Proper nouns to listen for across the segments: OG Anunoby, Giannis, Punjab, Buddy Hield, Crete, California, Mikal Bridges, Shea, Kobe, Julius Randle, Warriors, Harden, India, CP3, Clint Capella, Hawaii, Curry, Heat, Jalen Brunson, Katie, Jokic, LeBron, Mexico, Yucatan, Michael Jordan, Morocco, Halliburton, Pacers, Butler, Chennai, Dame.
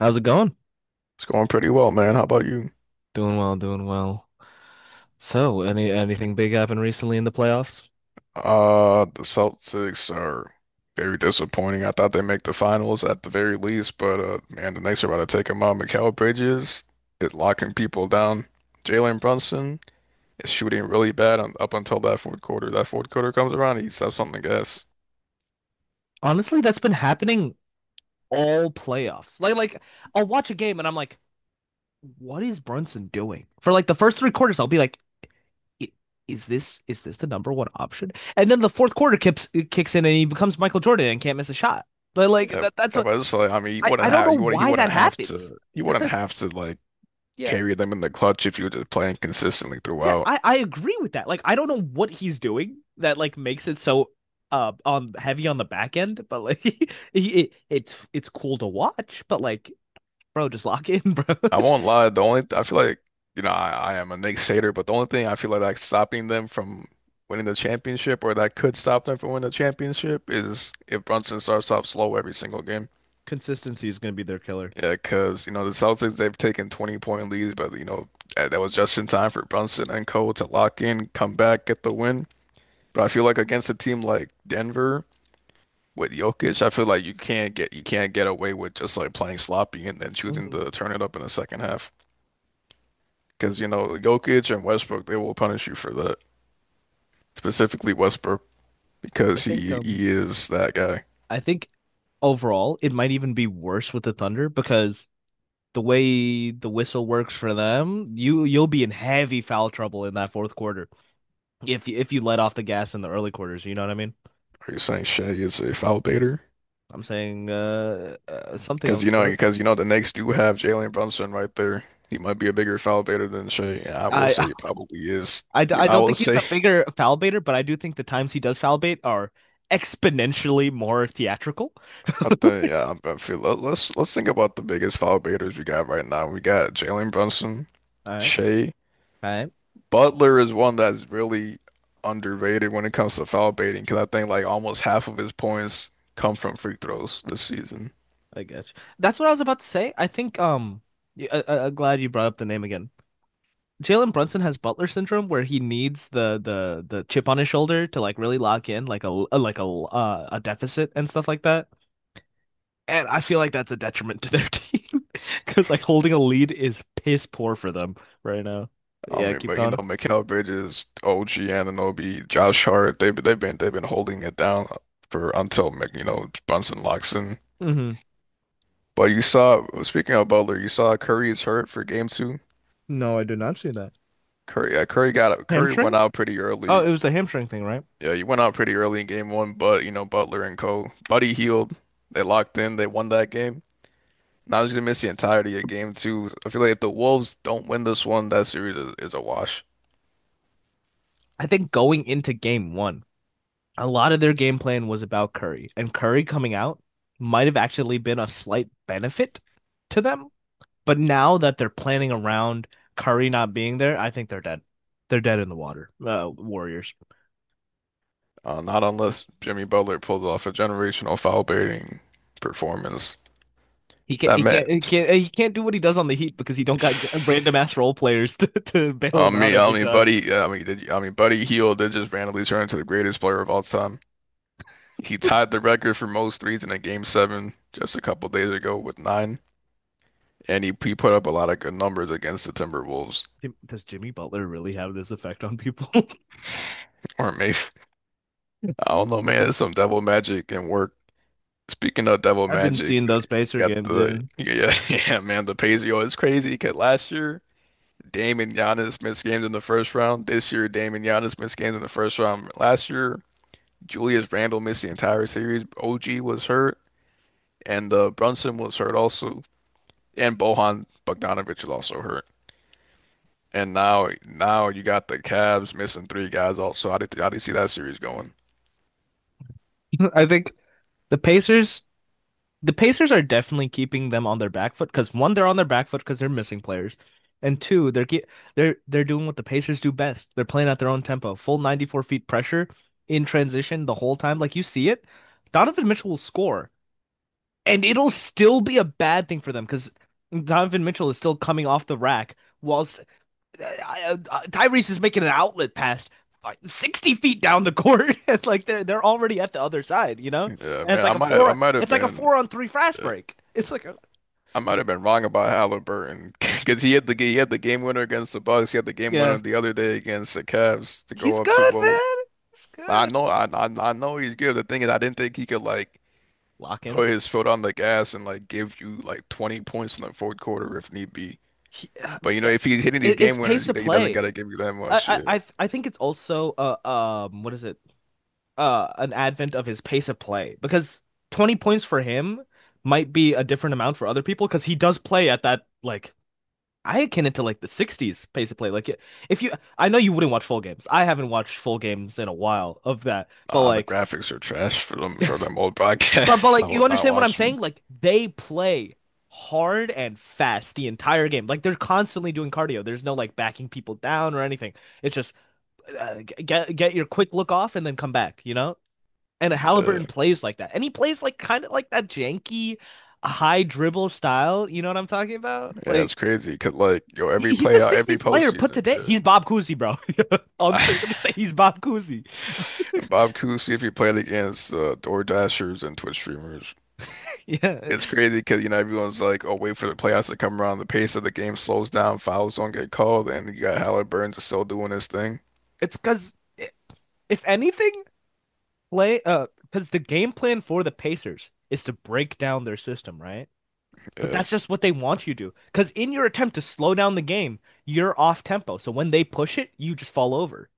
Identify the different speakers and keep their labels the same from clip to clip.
Speaker 1: How's it going?
Speaker 2: It's going pretty well, man. How about you?
Speaker 1: Doing well, doing well. So, anything big happened recently in the playoffs?
Speaker 2: The Celtics are very disappointing. I thought they'd make the finals at the very least, but man, the Knicks are about to take them out. Mikal Bridges is locking people down. Jalen Brunson is shooting really bad on, up until that fourth quarter. That fourth quarter comes around, he steps on the gas.
Speaker 1: Honestly, that's been happening all playoffs. Like I'll watch a game and I'm like, what is Brunson doing? For like the first 3 quarters, I'll be like, "I- is this the number one option?" And then the fourth quarter kicks in and he becomes Michael Jordan and can't miss a shot. But like
Speaker 2: Yeah,
Speaker 1: that's
Speaker 2: yeah,
Speaker 1: what
Speaker 2: but it's like I mean,
Speaker 1: I, I don't know
Speaker 2: you would he
Speaker 1: why that
Speaker 2: wouldn't have
Speaker 1: happens.
Speaker 2: to you wouldn't have to like carry them in the clutch if you were just playing consistently
Speaker 1: Yeah,
Speaker 2: throughout.
Speaker 1: I agree with that. Like, I don't know what he's doing that like makes it so on heavy on the back end, but like he, it, it's cool to watch. But like, bro, just lock in, bro.
Speaker 2: I won't lie. The only I feel like I am a Sater, but the only thing I feel like stopping them from winning the championship or that could stop them from winning the championship is if Brunson starts off slow every single game.
Speaker 1: Consistency is going to be their killer.
Speaker 2: Yeah, because you know the Celtics they've taken 20 point leads, but you know that was just in time for Brunson and Co to lock in, come back, get the win. But I feel like against a team like Denver with Jokic, I feel like you can't get away with just like playing sloppy and then choosing
Speaker 1: Mhm.
Speaker 2: to turn it up in the second half. Because, you know, Jokic and Westbrook, they will punish you for that. Specifically Westbrook,
Speaker 1: I
Speaker 2: because
Speaker 1: think
Speaker 2: he
Speaker 1: um
Speaker 2: he is that guy.
Speaker 1: I think overall it might even be worse with the Thunder because the way the whistle works for them, you'll be in heavy foul trouble in that fourth quarter if you let off the gas in the early quarters. You know what I mean?
Speaker 2: Are you saying Shea is a foul baiter?
Speaker 1: I'm saying something
Speaker 2: Because
Speaker 1: of
Speaker 2: you
Speaker 1: the
Speaker 2: know,
Speaker 1: sort.
Speaker 2: because you know, the Knicks do have Jalen Brunson right there. He might be a bigger foul baiter than Shea, and I will
Speaker 1: I,
Speaker 2: say he probably is.
Speaker 1: I,
Speaker 2: Yeah,
Speaker 1: I
Speaker 2: I
Speaker 1: don't
Speaker 2: will
Speaker 1: think he's
Speaker 2: say,
Speaker 1: a bigger foul baiter, but I do think the times he does foul bait are exponentially more theatrical.
Speaker 2: I think, yeah, I feel. Let, let's think about the biggest foul baiters we got right now. We got Jalen Brunson,
Speaker 1: All right,
Speaker 2: Shea,
Speaker 1: all right,
Speaker 2: Butler is one that's really underrated when it comes to foul baiting because I think like almost half of his points come from free throws this season.
Speaker 1: I guess that's what I was about to say. I think I am glad you brought up the name again. Jalen Brunson has Butler syndrome, where he needs the chip on his shoulder to like really lock in, like a like a deficit and stuff like that. And I feel like that's a detriment to their team because like holding a lead is piss poor for them right now.
Speaker 2: I
Speaker 1: Yeah,
Speaker 2: mean,
Speaker 1: keep
Speaker 2: but you know,
Speaker 1: going.
Speaker 2: Mikal Bridges, OG Anunoby, Josh Hart, they've been holding it down for until like, you know Brunson locks in.
Speaker 1: Hmm.
Speaker 2: But you saw, speaking of Butler, you saw Curry is hurt for game two.
Speaker 1: No, I did not see that.
Speaker 2: Curry, yeah, Curry went
Speaker 1: Hamstring?
Speaker 2: out pretty
Speaker 1: Oh,
Speaker 2: early.
Speaker 1: it was the hamstring thing, right?
Speaker 2: Yeah, he went out pretty early in game one, but you know Butler and Co. Buddy healed. They locked in. They won that game. Now just gonna miss the entirety of game two. I feel like if the Wolves don't win this one, that series is a wash.
Speaker 1: I think going into game one, a lot of their game plan was about Curry, and Curry coming out might have actually been a slight benefit to them. But now that they're planning around Curry not being there, I think they're dead. They're dead in the water. Warriors.
Speaker 2: Not unless Jimmy Butler pulls off a generational foul-baiting performance.
Speaker 1: He can't.
Speaker 2: That
Speaker 1: He can't.
Speaker 2: meant,
Speaker 1: He can't. He can't do what he does on the Heat because he don't got random ass role players to, to bail him out
Speaker 2: I
Speaker 1: every
Speaker 2: mean,
Speaker 1: time.
Speaker 2: Buddy, yeah, I mean, did, I mean, Buddy Hield did just randomly turn into the greatest player of all time. He tied the record for most threes in a game seven just a couple days ago with nine, and he put up a lot of good numbers against the Timberwolves.
Speaker 1: Does Jimmy Butler really have this effect on people?
Speaker 2: Or maybe I don't know, man. It's some devil magic and work. Speaking of Devil
Speaker 1: I've been
Speaker 2: Magic,
Speaker 1: seeing
Speaker 2: you
Speaker 1: those Pacer
Speaker 2: got
Speaker 1: games,
Speaker 2: the
Speaker 1: dude.
Speaker 2: yeah, yeah, man, the pay's is crazy because last year Dame and Giannis missed games in the first round. This year Dame and Giannis missed games in the first round. Last year Julius Randle missed the entire series. OG was hurt and Brunson was hurt also, and Bohan Bogdanovic was also hurt. And now you got the Cavs missing three guys also. How do you see that series going?
Speaker 1: I think the Pacers, the Pacers, are definitely keeping them on their back foot because one, they're on their back foot because they're missing players, and two, they're they're doing what the Pacers do best. They're playing at their own tempo, full 94 feet pressure in transition the whole time. Like you see it, Donovan Mitchell will score. And it'll still be a bad thing for them because Donovan Mitchell is still coming off the rack, whilst Tyrese is making an outlet pass like, 60 feet down the court. It's like they're already at the other side, you know?
Speaker 2: Yeah,
Speaker 1: And it's
Speaker 2: man,
Speaker 1: like a four it's like a four on three fast
Speaker 2: uh,
Speaker 1: break. It's like a
Speaker 2: I might have been wrong about Halliburton because he had the game winner against the Bucks. He had the game winner
Speaker 1: yeah.
Speaker 2: the other day against the Cavs to
Speaker 1: He's
Speaker 2: go up
Speaker 1: good,
Speaker 2: 2-0.
Speaker 1: man. He's
Speaker 2: I
Speaker 1: good.
Speaker 2: know, I, I I know he's good. The thing is, I didn't think he could like
Speaker 1: Lock in.
Speaker 2: put his foot on the gas and like give you like 20 points in the fourth quarter if need be.
Speaker 1: He, uh,
Speaker 2: But you know,
Speaker 1: it,
Speaker 2: if he's hitting these
Speaker 1: it's
Speaker 2: game winners,
Speaker 1: pace
Speaker 2: he,
Speaker 1: of
Speaker 2: he doesn't
Speaker 1: play.
Speaker 2: gotta give you that much.
Speaker 1: I,
Speaker 2: Yeah.
Speaker 1: I I I think it's also what is it? An advent of his pace of play because 20 points for him might be a different amount for other people because he does play at that like, I akin it to like the 60s pace of play, like if you I know you wouldn't watch full games, I haven't watched full games in a while of that, but
Speaker 2: Nah, the
Speaker 1: like,
Speaker 2: graphics are trash for them old
Speaker 1: but
Speaker 2: broadcasts. I
Speaker 1: like, you
Speaker 2: would not
Speaker 1: understand what I'm
Speaker 2: watch
Speaker 1: saying,
Speaker 2: them.
Speaker 1: like they play hard and fast the entire game, like they're constantly doing cardio, there's no like backing people down or anything, it's just get your quick look off and then come back. And
Speaker 2: Yeah,
Speaker 1: Halliburton plays like that. And he plays like kind of like that janky high dribble style. You know what I'm talking about?
Speaker 2: yeah, it's
Speaker 1: Like
Speaker 2: crazy because like yo,
Speaker 1: he-
Speaker 2: every
Speaker 1: he's a
Speaker 2: playout, every
Speaker 1: 60s player put
Speaker 2: postseason.
Speaker 1: today. He's Bob Cousy, bro.
Speaker 2: Yeah.
Speaker 1: Unks are gonna say he's Bob Cousy.
Speaker 2: And Bob Cousy, if you played against DoorDashers and Twitch streamers,
Speaker 1: Yeah.
Speaker 2: it's crazy because you know everyone's like, "Oh, wait for the playoffs to come around." The pace of the game slows down, fouls don't get called, and you got Halliburton just still doing his thing.
Speaker 1: It's because if anything, play because the game plan for the Pacers is to break down their system, right? But
Speaker 2: Yeah,
Speaker 1: that's just what they want you to do. Because in your attempt to slow down the game, you're off tempo. So when they push it, you just fall over.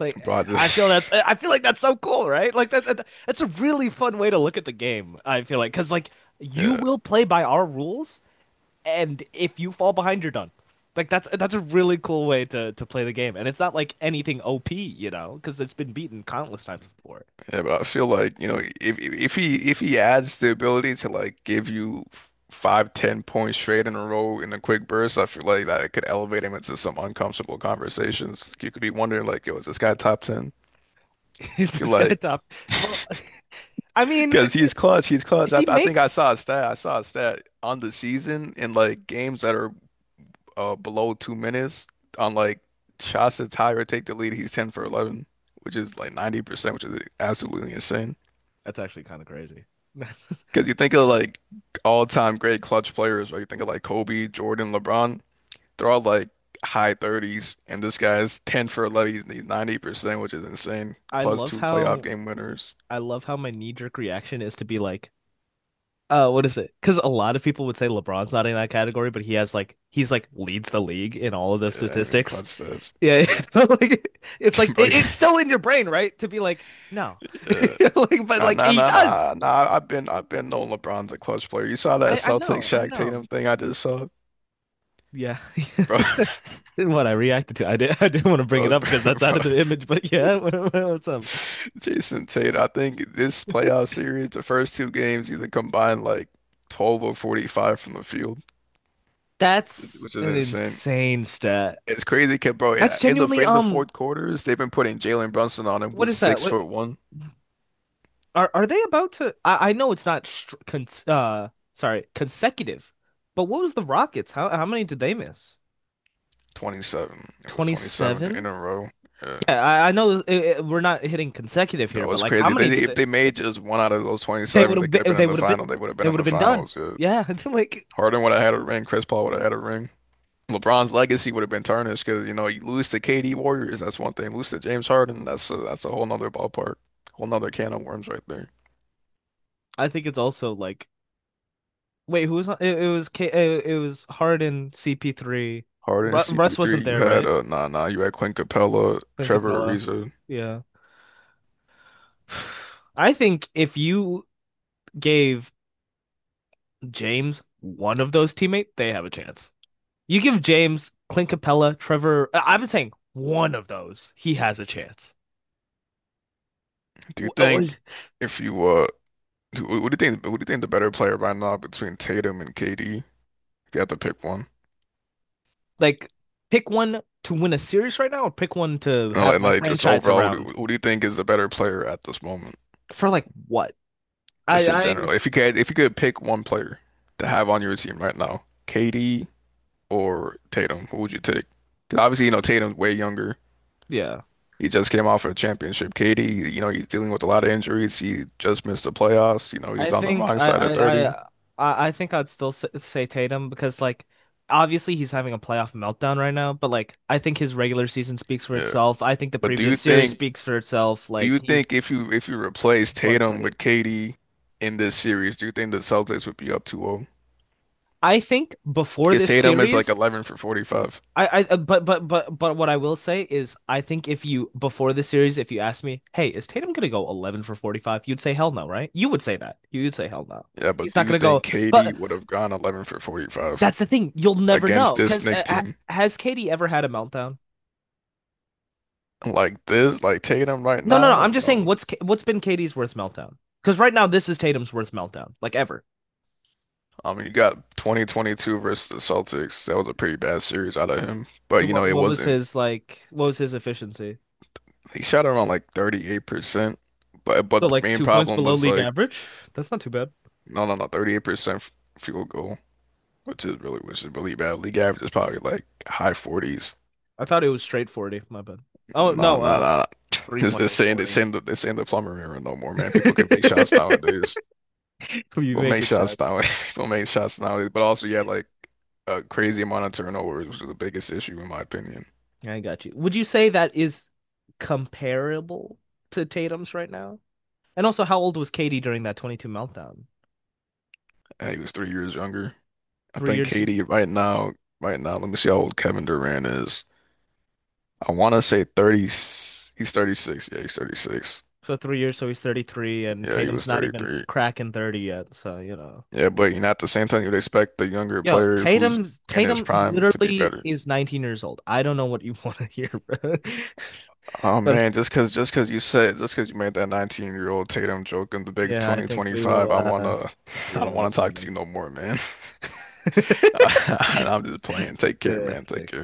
Speaker 1: Like
Speaker 2: but I
Speaker 1: I
Speaker 2: just,
Speaker 1: feel that's I feel like that's so cool, right? Like that's a really fun way to look at the game. I feel like because like you
Speaker 2: yeah,
Speaker 1: will play by our rules, and if you fall behind, you're done. Like that's a really cool way to play the game, and it's not like anything OP, because it's been beaten countless times before.
Speaker 2: yeah. But I feel like you know if he adds the ability to like give you five, 10 points straight in a row in a quick burst, I feel like that could elevate him into some uncomfortable conversations. You could be wondering like, "Yo, is this guy top ten?"
Speaker 1: Is
Speaker 2: feel
Speaker 1: this guy
Speaker 2: like
Speaker 1: top? Well, I mean,
Speaker 2: Because he's clutch, he's clutch.
Speaker 1: if
Speaker 2: I,
Speaker 1: he
Speaker 2: I think I
Speaker 1: makes
Speaker 2: saw a stat. I saw a stat on the season in like games that are below 2 minutes. On like shots that tie or take the lead, he's 10 for 11, which is like 90%, which is absolutely insane.
Speaker 1: that's actually kind of crazy.
Speaker 2: Because you think of like all-time great clutch players, right? You think of like Kobe, Jordan, LeBron. They're all like high 30s, and this guy's 10 for 11. He's 90%, which is insane.
Speaker 1: I
Speaker 2: Plus
Speaker 1: love
Speaker 2: two playoff
Speaker 1: how
Speaker 2: game winners.
Speaker 1: I love how my knee-jerk reaction is to be like, what is it? Because a lot of people would say LeBron's not in that category, but he has like he's like leads the league in all of the
Speaker 2: Yeah, I mean,
Speaker 1: statistics.
Speaker 2: clutch stats,
Speaker 1: Yeah, like it's like
Speaker 2: bro.
Speaker 1: it's still in your brain, right? To be like no,
Speaker 2: Yeah.
Speaker 1: like but
Speaker 2: Nah,
Speaker 1: like
Speaker 2: nah,
Speaker 1: he
Speaker 2: nah,
Speaker 1: does.
Speaker 2: nah, nah. I've been knowing LeBron's a clutch player. You saw that
Speaker 1: I
Speaker 2: Celtics
Speaker 1: know, I
Speaker 2: Shaq
Speaker 1: know.
Speaker 2: Tatum thing I just saw,
Speaker 1: Yeah,
Speaker 2: bro,
Speaker 1: what I reacted to, I did I didn't want to bring it
Speaker 2: bro,
Speaker 1: up
Speaker 2: bro,
Speaker 1: because that's out
Speaker 2: bro.
Speaker 1: of the image, but yeah, what's up?
Speaker 2: Jason Tatum. I think this playoff series, the first two games, either combined like 12 or 45 from the field, which is,
Speaker 1: That's
Speaker 2: which is
Speaker 1: an
Speaker 2: insane.
Speaker 1: insane stat.
Speaker 2: It's crazy, kid, bro.
Speaker 1: That's
Speaker 2: In the
Speaker 1: genuinely
Speaker 2: in the fourth quarters, they've been putting Jalen Brunson on him,
Speaker 1: what
Speaker 2: who's
Speaker 1: is that?
Speaker 2: six
Speaker 1: What,
Speaker 2: foot one,
Speaker 1: are they about to? I know it's not str con sorry, consecutive, but what was the Rockets? How many did they miss?
Speaker 2: 27 It was 27
Speaker 1: 27?
Speaker 2: in a row. Yeah.
Speaker 1: Yeah, I know we're not hitting consecutive here,
Speaker 2: Bro,
Speaker 1: but
Speaker 2: it's
Speaker 1: like, how
Speaker 2: crazy. They
Speaker 1: many did
Speaker 2: If
Speaker 1: they
Speaker 2: they made just one out of those
Speaker 1: they would
Speaker 2: 27, they
Speaker 1: have
Speaker 2: could have
Speaker 1: been
Speaker 2: been
Speaker 1: they
Speaker 2: in the
Speaker 1: would have
Speaker 2: final.
Speaker 1: been
Speaker 2: They would have
Speaker 1: they
Speaker 2: been in
Speaker 1: would have
Speaker 2: the
Speaker 1: been done.
Speaker 2: finals.
Speaker 1: Yeah, I think, like
Speaker 2: Harden would have had a ring. Chris Paul would have had a ring. LeBron's legacy would have been tarnished because you know you lose to KD Warriors. That's one thing. Lose to James Harden. That's a whole nother ballpark. Whole nother can of worms right there.
Speaker 1: I think it's also like, wait, it was Harden, CP3.
Speaker 2: Harden and
Speaker 1: Ru Russ
Speaker 2: CP3.
Speaker 1: wasn't
Speaker 2: You
Speaker 1: there,
Speaker 2: had
Speaker 1: right?
Speaker 2: Nah, nah. You had Clint Capella,
Speaker 1: Clint
Speaker 2: Trevor
Speaker 1: Capella.
Speaker 2: Ariza.
Speaker 1: Yeah. I think if you gave James one of those teammates, they have a chance. You give James, Clint Capella, Trevor, I've been saying one of those, he has a chance.
Speaker 2: Do you
Speaker 1: Oh,
Speaker 2: think if you who do you think who do you think the better player by now between Tatum and KD? If you had to pick one.
Speaker 1: like, pick one to win a series right now, or pick one to
Speaker 2: And
Speaker 1: have
Speaker 2: like,
Speaker 1: my
Speaker 2: like just
Speaker 1: franchise
Speaker 2: overall, who do,
Speaker 1: around
Speaker 2: who do you think is the better player at this moment?
Speaker 1: for like what? I,
Speaker 2: Just in
Speaker 1: I,
Speaker 2: general, if you could pick one player to have on your team right now, KD or Tatum, who would you take? Because obviously, you know, Tatum's way younger.
Speaker 1: yeah,
Speaker 2: He just came off a championship. KD, you know, he's dealing with a lot of injuries. He just missed the playoffs. You know,
Speaker 1: I
Speaker 2: he's on the
Speaker 1: think
Speaker 2: wrong
Speaker 1: I,
Speaker 2: side of
Speaker 1: I,
Speaker 2: 30.
Speaker 1: I, I think I'd still say Tatum because like obviously he's having a playoff meltdown right now, but like I think his regular season speaks for
Speaker 2: Yeah.
Speaker 1: itself. I think the
Speaker 2: But do
Speaker 1: previous
Speaker 2: you
Speaker 1: series
Speaker 2: think,
Speaker 1: speaks for itself.
Speaker 2: do
Speaker 1: Like
Speaker 2: you
Speaker 1: he's
Speaker 2: think if you replace
Speaker 1: one
Speaker 2: Tatum
Speaker 1: steady.
Speaker 2: with KD in this series, do you think the Celtics would be up 2-0?
Speaker 1: I think before
Speaker 2: Because
Speaker 1: this
Speaker 2: Tatum is like
Speaker 1: series,
Speaker 2: 11 for 45.
Speaker 1: I but what I will say is, I think if you before this series, if you asked me, hey, is Tatum gonna go 11 for 45? You'd say hell no, right? You would say that. You would say hell no.
Speaker 2: Yeah, but
Speaker 1: He's
Speaker 2: do
Speaker 1: not
Speaker 2: you
Speaker 1: gonna
Speaker 2: think
Speaker 1: go.
Speaker 2: KD
Speaker 1: But
Speaker 2: would have gone 11 for 45
Speaker 1: that's the thing. You'll never
Speaker 2: against
Speaker 1: know
Speaker 2: this
Speaker 1: because
Speaker 2: Knicks team?
Speaker 1: has Katie ever had a meltdown?
Speaker 2: Like this, like Tatum right
Speaker 1: No, no, no.
Speaker 2: now?
Speaker 1: I'm just saying
Speaker 2: No.
Speaker 1: what's been Katie's worst meltdown? Because right now this is Tatum's worst meltdown, like ever.
Speaker 2: I mean, you got 2022 versus the Celtics. That was a pretty bad series out of him. But, you know,
Speaker 1: What
Speaker 2: it
Speaker 1: what was
Speaker 2: wasn't,
Speaker 1: his like? What was his efficiency?
Speaker 2: he shot around like 38%. But
Speaker 1: So
Speaker 2: but the
Speaker 1: like
Speaker 2: main
Speaker 1: 2 points
Speaker 2: problem
Speaker 1: below
Speaker 2: was
Speaker 1: league
Speaker 2: like,
Speaker 1: average. That's not too bad.
Speaker 2: no, no, no, 38% field goal, which is really bad. League average is probably like high 40s.
Speaker 1: I thought it was straight 40. My bad. Oh,
Speaker 2: No,
Speaker 1: no,
Speaker 2: no, no.
Speaker 1: three
Speaker 2: It's
Speaker 1: point
Speaker 2: the
Speaker 1: is
Speaker 2: same, the
Speaker 1: 40.
Speaker 2: same, the same, the plumber era no more, man. People can make shots nowadays.
Speaker 1: You
Speaker 2: We'll
Speaker 1: make
Speaker 2: make
Speaker 1: it
Speaker 2: shots
Speaker 1: shots.
Speaker 2: now. We'll make shots now. But also, you had like a crazy amount of turnovers, which was the biggest issue in my opinion.
Speaker 1: I got you. Would you say that is comparable to Tatum's right now? And also, how old was Katie during that 22 meltdown?
Speaker 2: And he was 3 years younger. I
Speaker 1: Three
Speaker 2: think
Speaker 1: years.
Speaker 2: KD right now, let me see how old Kevin Durant is. I want to say 30. He's 36. Yeah, he's 36.
Speaker 1: So 3 years, so he's 33, and
Speaker 2: Yeah, he
Speaker 1: Tatum's
Speaker 2: was
Speaker 1: not even
Speaker 2: 33.
Speaker 1: cracking 30 yet. So.
Speaker 2: Yeah, but you know, at the same time, you'd expect the younger
Speaker 1: Yo,
Speaker 2: player who's
Speaker 1: Tatum's
Speaker 2: in his
Speaker 1: Tatum
Speaker 2: prime to be
Speaker 1: literally
Speaker 2: better.
Speaker 1: is 19 years old. I don't know what you want to hear, bro.
Speaker 2: Oh
Speaker 1: But
Speaker 2: man, just cause you made that 19-year-old Tatum joke in the big
Speaker 1: yeah, I think we
Speaker 2: 2025,
Speaker 1: will,
Speaker 2: I wanna I
Speaker 1: yeah,
Speaker 2: don't wanna
Speaker 1: let's
Speaker 2: talk
Speaker 1: end
Speaker 2: to you
Speaker 1: this.
Speaker 2: no more, man. I'm just playing. Take care,
Speaker 1: Yeah,
Speaker 2: man. Take
Speaker 1: okay.
Speaker 2: care.